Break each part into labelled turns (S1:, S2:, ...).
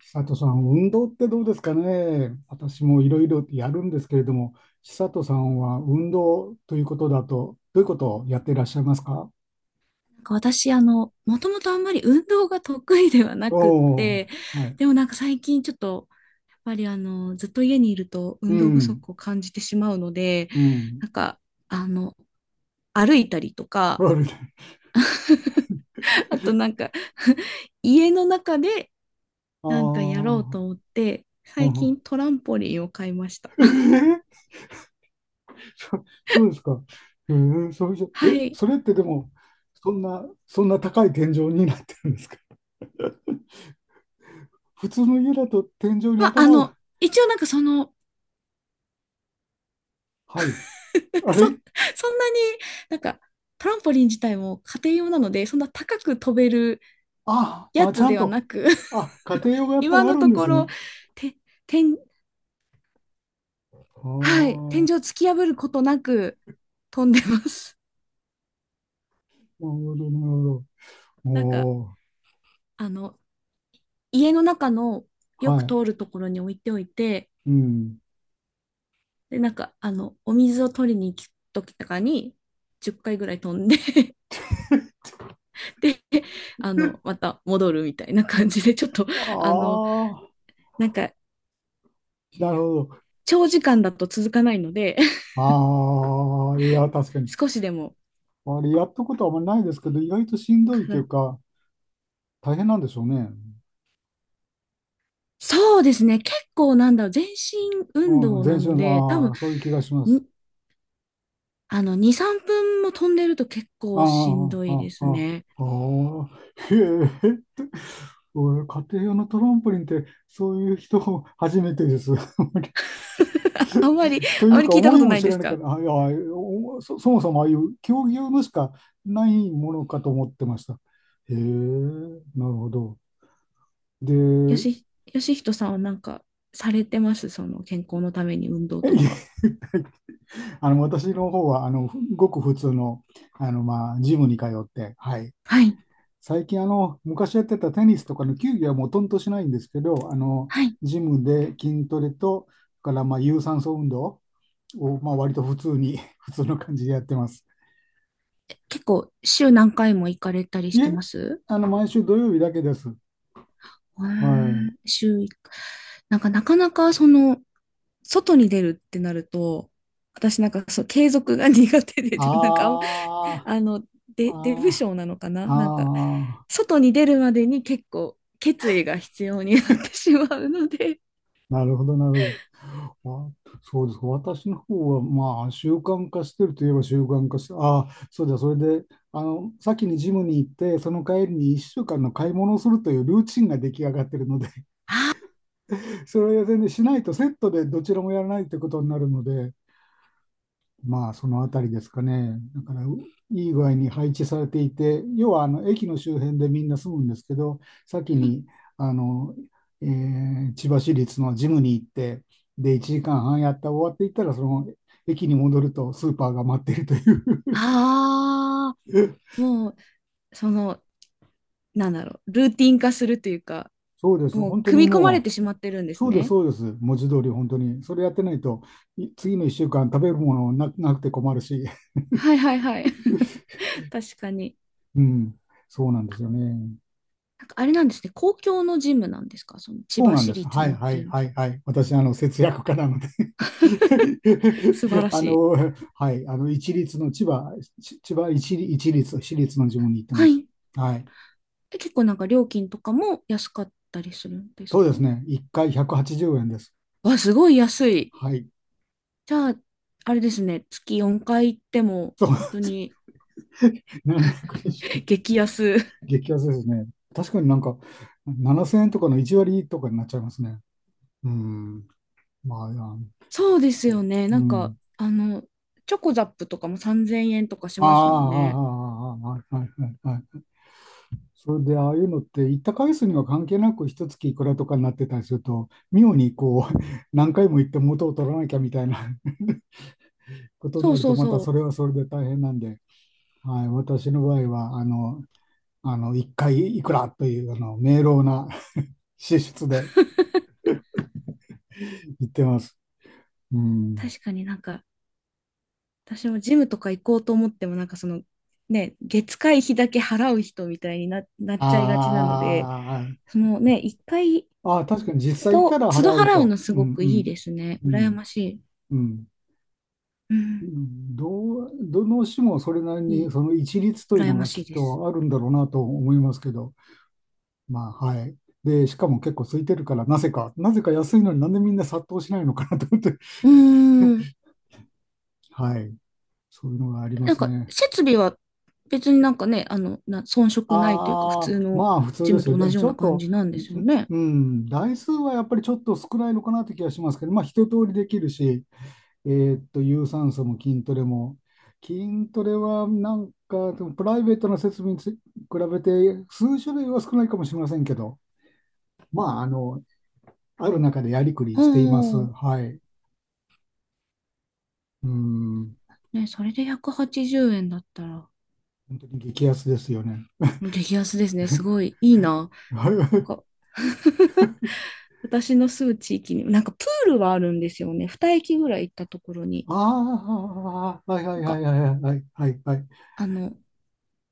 S1: 千里さん、運動ってどうですかね。私もいろいろやるんですけれども、千里さんは運動ということだと、どういうことをやっていらっしゃいますか。
S2: なんか私、もともとあんまり運動が得意ではな
S1: お
S2: くっ
S1: お
S2: て、
S1: ー、はい。
S2: でもなんか最近ちょっと、やっぱりずっと家にいると
S1: う
S2: 運動不
S1: ん、
S2: 足を感じてしまうので、
S1: うん。
S2: なんか、あの、歩いたりと
S1: あ
S2: か、
S1: れ
S2: あとなんか 家の中で
S1: あ
S2: なんかやろう
S1: ー、
S2: と思って、
S1: う
S2: 最
S1: ん。
S2: 近トランポリンを買いました。
S1: え ーそうですか。それじゃ、
S2: はい。
S1: それってでも、そんな高い天井になってるんですか？普通の家だと天井に
S2: まあ、
S1: 頭を、
S2: 一応なんかその、
S1: はい。
S2: なんか
S1: あ
S2: そ
S1: れ
S2: んなになんか、トランポリン自体も家庭用なので、そんな高く飛べる
S1: あ、
S2: や
S1: あ、ち
S2: つ
S1: ゃん
S2: ではな
S1: と、
S2: く、
S1: あ、家庭用が やっぱり
S2: 今
S1: あ
S2: の
S1: るん
S2: と
S1: で
S2: こ
S1: す
S2: ろ、
S1: ね。
S2: て天
S1: あ
S2: はい、天井
S1: あ、
S2: 突き破ることなく飛んでます。
S1: なるほど、なるほど。
S2: なんか
S1: お
S2: あの家の中の
S1: お
S2: よ
S1: は
S2: く
S1: い。
S2: 通るところに置いておいて、
S1: うん。
S2: でなんかお水を取りに行く時とかに10回ぐらい飛んで、 でまた戻るみたいな感じでちょっとあの
S1: ああ、
S2: なんか
S1: なるほど。
S2: 長時間だと続かないので、
S1: ああ、いや、確か に。
S2: 少しでも
S1: あれ、やったことはあんまりないですけど、意外としんど
S2: か
S1: いと
S2: ら
S1: いうか、大変なんでしょうね。
S2: そうですね。結構なんだろう、全身運
S1: うん、
S2: 動
S1: 全
S2: なの
S1: 身、
S2: で、多
S1: あ
S2: 分、
S1: あ、そういう気がします。
S2: に2、3分も飛んでると結
S1: あ
S2: 構しん
S1: あ、
S2: ど
S1: あ
S2: いで
S1: あ、
S2: す
S1: ああ、
S2: ね。
S1: ああ、へえ、おい家庭用のトランポリンって、そういう人初めてです。
S2: あんまり、
S1: と
S2: あ
S1: い
S2: んま
S1: う
S2: り
S1: か
S2: 聞いた
S1: 思
S2: こ
S1: い
S2: と
S1: も
S2: ない
S1: 知
S2: で
S1: ら
S2: す
S1: なかっ
S2: か？
S1: た。あ、いや、そもそもああいう競技用のしかないものかと思ってました。へえ、なるほど。で、
S2: よ し、よしひとさんはなんかされてます、その健康のために運動と
S1: い
S2: か？
S1: え、私の方はごく普通の、まあジムに通って、はい、
S2: はい。
S1: 最近昔やってたテニスとかの球技はもうとんとしないんですけど、
S2: はい。
S1: ジムで筋トレとそれからまあ有酸素運動を、まあ、割と普通に 普通の感じでやってます。
S2: 結構週何回も行かれたりし
S1: い
S2: て
S1: え、
S2: ます？
S1: 毎週土曜日だけです。
S2: へ
S1: はい。
S2: ー。週1回。なんかなかなか外に出るってなると、私なんかそう継続が苦手で、
S1: あ
S2: なんかあの、
S1: あ、
S2: デブ
S1: あ
S2: 症なのかな
S1: あ、あ
S2: なんか、
S1: あ、
S2: 外に出るまでに結構決意が必要になってしまうので、
S1: なるほど、なるほど。あ、そうです。私の方は、まあ、習慣化してるといえば習慣化して、ああ、そうだ、それで、先にジムに行って、その帰りに1週間の買い物をするというルーチンが出来上がってるので、
S2: は
S1: それは全然しないとセットでどちらもやらないということになるので、まあ、そのあたりですかね。だから、いい具合に配置されていて、要はあの駅の周辺でみんな住むんですけど、先
S2: い。
S1: にあの、千葉市立のジムに行って、で、1時間半やった終わっていったら、その駅に戻るとスーパーが待っているという。
S2: ああ、もう、その、なんだろう、ルーティン化するというか、
S1: そうです。
S2: もう、
S1: 本当に
S2: 組み込まれ
S1: も
S2: てしまってるんで
S1: う、
S2: す
S1: そうです、
S2: ね。
S1: そうです。文字通り、本当に。それやってないと、次の1週間食べるものなくて困るし、
S2: はいはいはい。確かに。
S1: うん、そうなんですよね。
S2: なんかあれなんですね、公共のジムなんですか、その千
S1: そう
S2: 葉
S1: なん
S2: 市
S1: です。
S2: 立
S1: は
S2: の
S1: い
S2: っ
S1: は
S2: てい
S1: い
S2: う。
S1: はいはい。私、節約家なので、
S2: 素晴 ら
S1: あ
S2: し
S1: の、
S2: い。
S1: はい、一律の千葉、千葉一律、私立の地方に行って
S2: は
S1: ます。
S2: い。
S1: はい。
S2: 結構なんか料金とかも安かったりするんです
S1: そうで
S2: か？
S1: すね。1回180円です。
S2: わ、すごい安い。
S1: はい。
S2: じゃあ、あれですね、月4回行っても、
S1: そう、
S2: 本当に。
S1: 720。
S2: 激安。
S1: 激安ですね。確かになんか、7000円とかの1割とかになっちゃいますね。うん。まあ、
S2: そうですよね。
S1: う
S2: なんか、
S1: ん。
S2: チョコザップとかも3000円とかし
S1: ああ、
S2: ます
S1: あ
S2: もんね。
S1: あ、ああ、ああ、はいはいはい。それでああいうのって行った回数には関係なく一月いくらとかになってたりすると、妙にこう 何回も行って元を取らなきゃみたいな ことに
S2: そ
S1: な
S2: う
S1: る
S2: そ
S1: と、
S2: う
S1: また
S2: そ
S1: そ
S2: う。
S1: れはそれで大変なんで、はい、私の場合は1回いくらという明朗な 支出で行ってます。うん、
S2: 確かになんか、私もジムとか行こうと思っても、なんかね、月会費だけ払う人みたいになっ
S1: あ
S2: ちゃいがちなので、
S1: ー
S2: ね、一回、
S1: あー、確かに実
S2: 都
S1: 際行った
S2: 度、
S1: ら
S2: 都度
S1: 払う
S2: 払う
S1: と。
S2: のす
S1: う
S2: ご
S1: ん
S2: く
S1: う
S2: いい
S1: ん
S2: ですね。
S1: う
S2: 羨
S1: ん
S2: ましい。
S1: うん
S2: う
S1: う
S2: ん、
S1: ん、どの種もそれなり
S2: い
S1: に
S2: い。
S1: その一律という
S2: 羨
S1: の
S2: ま
S1: が
S2: し
S1: き
S2: い
S1: っ
S2: です。
S1: とあるんだろうなと思いますけど、まあはい。で、しかも結構空いてるから、なぜか、なぜか安いのになんでみんな殺到しないのかなと思って、
S2: うーん。
S1: はい。そういうのがありま
S2: なん
S1: す
S2: か、
S1: ね。
S2: 設備は別になんかね、遜色ないというか、普
S1: あ
S2: 通
S1: あ、ま
S2: の
S1: あ普通
S2: ジ
S1: で
S2: ム
S1: す
S2: と同
S1: よ。
S2: じよ
S1: ち
S2: う
S1: ょ
S2: な
S1: っ
S2: 感
S1: と、
S2: じなんですよね。
S1: 台数はやっぱりちょっと少ないのかなって気がしますけど、まあ一通りできるし、有酸素も筋トレも。筋トレはなんか、でもプライベートな設備に比べて数種類は少ないかもしれませんけど、まあ、ある中でやりくり
S2: あ
S1: しています。
S2: あ、
S1: はい。うん。
S2: ね、それで180円だったら、
S1: 本当に激安ですよね。
S2: 激安ですね。すごいいいな。
S1: は
S2: なんか、
S1: い。
S2: 私の住む地域に、なんかプールはあるんですよね。2駅ぐらい行ったところに、
S1: ああ、はいは
S2: な
S1: い
S2: ん
S1: はい
S2: か、
S1: はいはいはいはい。
S2: あの、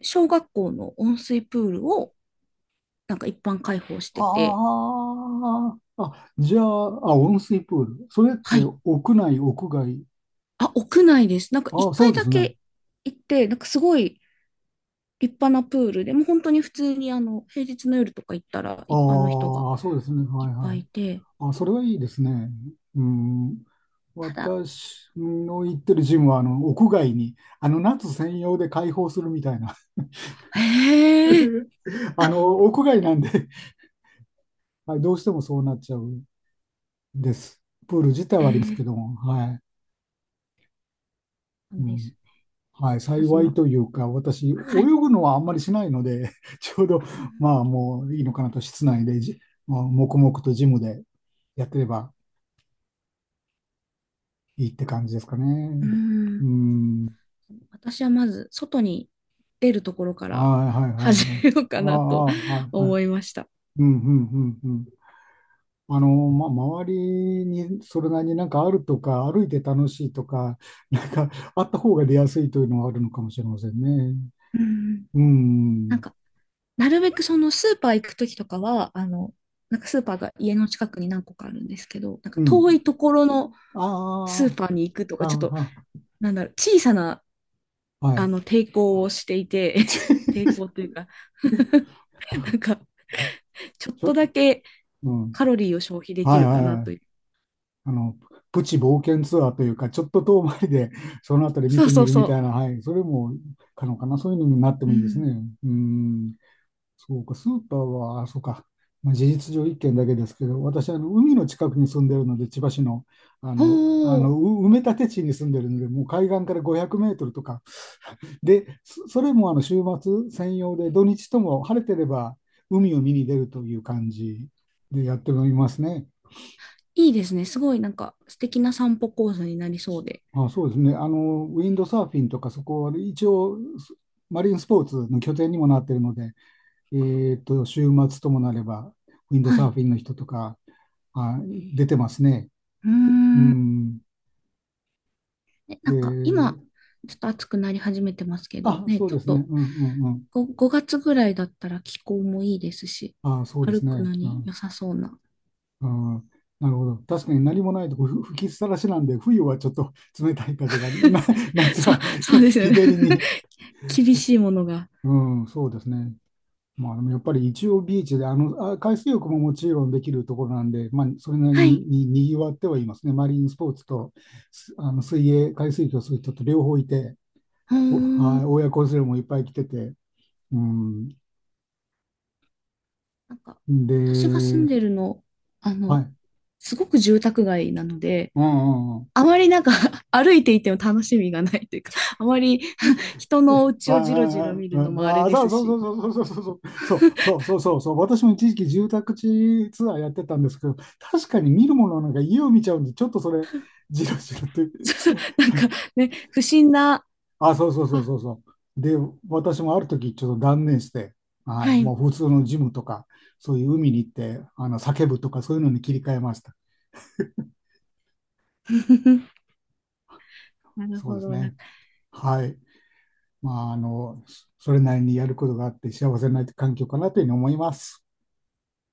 S2: 小学校の温水プールを、なんか一般開放してて、
S1: ああ、あ、じゃあ、あ、温水プール。それっ
S2: は
S1: て
S2: い。
S1: 屋内、屋外？
S2: あ、屋内です。なんか
S1: あ、
S2: 一
S1: そ
S2: 回
S1: うで
S2: だ
S1: すね。
S2: け行って、なんかすごい、立派なプールで、もう本当に普通に平日の夜とか行ったら一般の人が
S1: ああ、そうですね。
S2: い
S1: は
S2: っ
S1: い
S2: ぱ
S1: は
S2: い
S1: い、
S2: いて、
S1: あ、それはいいですね。うん。
S2: ただ、
S1: 私の行ってるジムは、屋外に、夏専用で開放するみたいな、
S2: へえ、あ、
S1: 屋外なんで、はい、どうしてもそうなっちゃうんです。プール自体
S2: へ
S1: はあります
S2: え、
S1: けども、はい。
S2: な
S1: う
S2: んで
S1: ん。
S2: す。
S1: はい、
S2: まず
S1: 幸
S2: ま、
S1: いというか、私、泳
S2: はい。
S1: ぐのはあんまりしないので、ちょうど、
S2: うん、
S1: まあ、もういいのかなと、室内でまあ、黙々とジムでやってればいいって感じですか
S2: うー
S1: ね。う
S2: ん
S1: ん。
S2: 私はまず、外に出るところか
S1: ああ、
S2: ら
S1: はいはい
S2: 始
S1: はい。
S2: めようか
S1: あ
S2: なと
S1: あ、はいはい。
S2: 思いました。
S1: うん、うん、うん、うん。ま、周りにそれなりになんかあるとか、歩いて楽しいとか、なんかあった方が出やすいというのはあるのかもしれませんね。
S2: うん、
S1: う
S2: なん
S1: ん、
S2: か、なるべくそのスーパー行くときとかは、なんかスーパーが家の近くに何個かあるんですけど、なんか
S1: うん。
S2: 遠いところのスー
S1: あ
S2: パーに行くと
S1: あ、
S2: か、ちょっと、
S1: あ
S2: なんだろう、小さな
S1: あ、はい。
S2: 抵抗をしていて、抵抗というか、 なんか、
S1: あ
S2: ちょっ
S1: ち
S2: と
S1: ょ、
S2: だけ
S1: うん。
S2: カロリーを消費でき
S1: はい
S2: る
S1: は
S2: か
S1: い
S2: な
S1: は
S2: と
S1: い。
S2: いう。
S1: あの、プチ冒険ツアーというか、ちょっと遠回りで、そのあたり見
S2: そう
S1: て
S2: そ
S1: み
S2: う
S1: るみた
S2: そ
S1: いな、はい。それも可能かな。そういうのになって
S2: う。
S1: も
S2: う
S1: いいです
S2: ん。
S1: ね。うん。そうか、スーパーは、そうか、まあ、事実上1軒だけですけど、私、海の近くに住んでるので、千葉市の、あの、あ
S2: ほ
S1: の
S2: う、
S1: う埋め立て地に住んでるので、もう海岸から500メートルとか、で、それも週末専用で、土日とも晴れてれば海を見に出るという感じでやっておりますね。
S2: いいですね。すごいなんか素敵な散歩コースになりそうで。
S1: あ、そうですね、ウィンドサーフィンとか、そこは一応、マリンスポーツの拠点にもなっているので、週末ともなれば、ウィンド
S2: はい。
S1: サー
S2: う
S1: フィンの人とか、あ、出てますね。
S2: ー
S1: う
S2: ん。
S1: ん。
S2: ねなんか
S1: で、
S2: 今、ちょっと暑くなり始めてますけど、
S1: あ、
S2: ね、
S1: そう
S2: ちょっ
S1: ですね。
S2: と
S1: うんうんうん。
S2: 5 月ぐらいだったら気候もいいですし、
S1: あ、そうで
S2: 歩
S1: す
S2: くの
S1: ね。う
S2: に良
S1: ん。
S2: さそうな。
S1: うん、なるほど。確かに何もないとこ吹きっさらしなんで、冬はちょっと冷たい風が、な、夏
S2: そう、
S1: は
S2: そうで す
S1: 日
S2: よね。
S1: 照りに。
S2: 厳しいものが。
S1: うん、そうですね。まあ、でもやっぱり一応ビーチで、あ、海水浴ももちろんできるところなんで、まあ、それなり
S2: は
S1: に、
S2: い。
S1: に、にぎわってはいますね。マリンスポーツと、すあの、水泳、海水浴をする人と両方いて、
S2: ほー
S1: お、はい、
S2: ん。
S1: 親子連れもいっぱい来てて、うん。
S2: なんか、私が住ん
S1: で、
S2: でるの、あ
S1: は
S2: の、
S1: い。
S2: すごく住宅街なので、
S1: うんうんうん。
S2: あまりなんか 歩いていても楽しみがないというか、あまり 人のお
S1: あ
S2: 家をじろじろ見
S1: あ、
S2: るのもあ
S1: ああ、
S2: れ
S1: あ、
S2: で
S1: そう
S2: す
S1: そう
S2: し、
S1: そうそうそうそうそうそうそうそうそうそう。私も一時期住宅地ツアーやってたんですけど、確かに見るもの、なんか家を見ちゃうんで、ちょっとそれじろじろ と。
S2: そうそうなんかね、不審な、
S1: あ、そうそうそう
S2: あ、
S1: そうそう。で、私もある時ちょっと断念して、は
S2: は
S1: い、も
S2: い。
S1: う普通のジムとか、そういう海に行って、叫ぶとかそういうのに切り替えました。
S2: なる
S1: そう
S2: ほ
S1: です
S2: ど。なん
S1: ね。
S2: か、
S1: はい。まあ、それなりにやることがあって幸せな環境かなというふうに思います。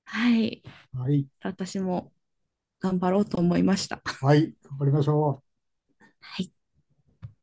S2: はい。
S1: はい。
S2: 私も頑張ろうと思いました。
S1: はい。頑張りましょう。
S2: はい。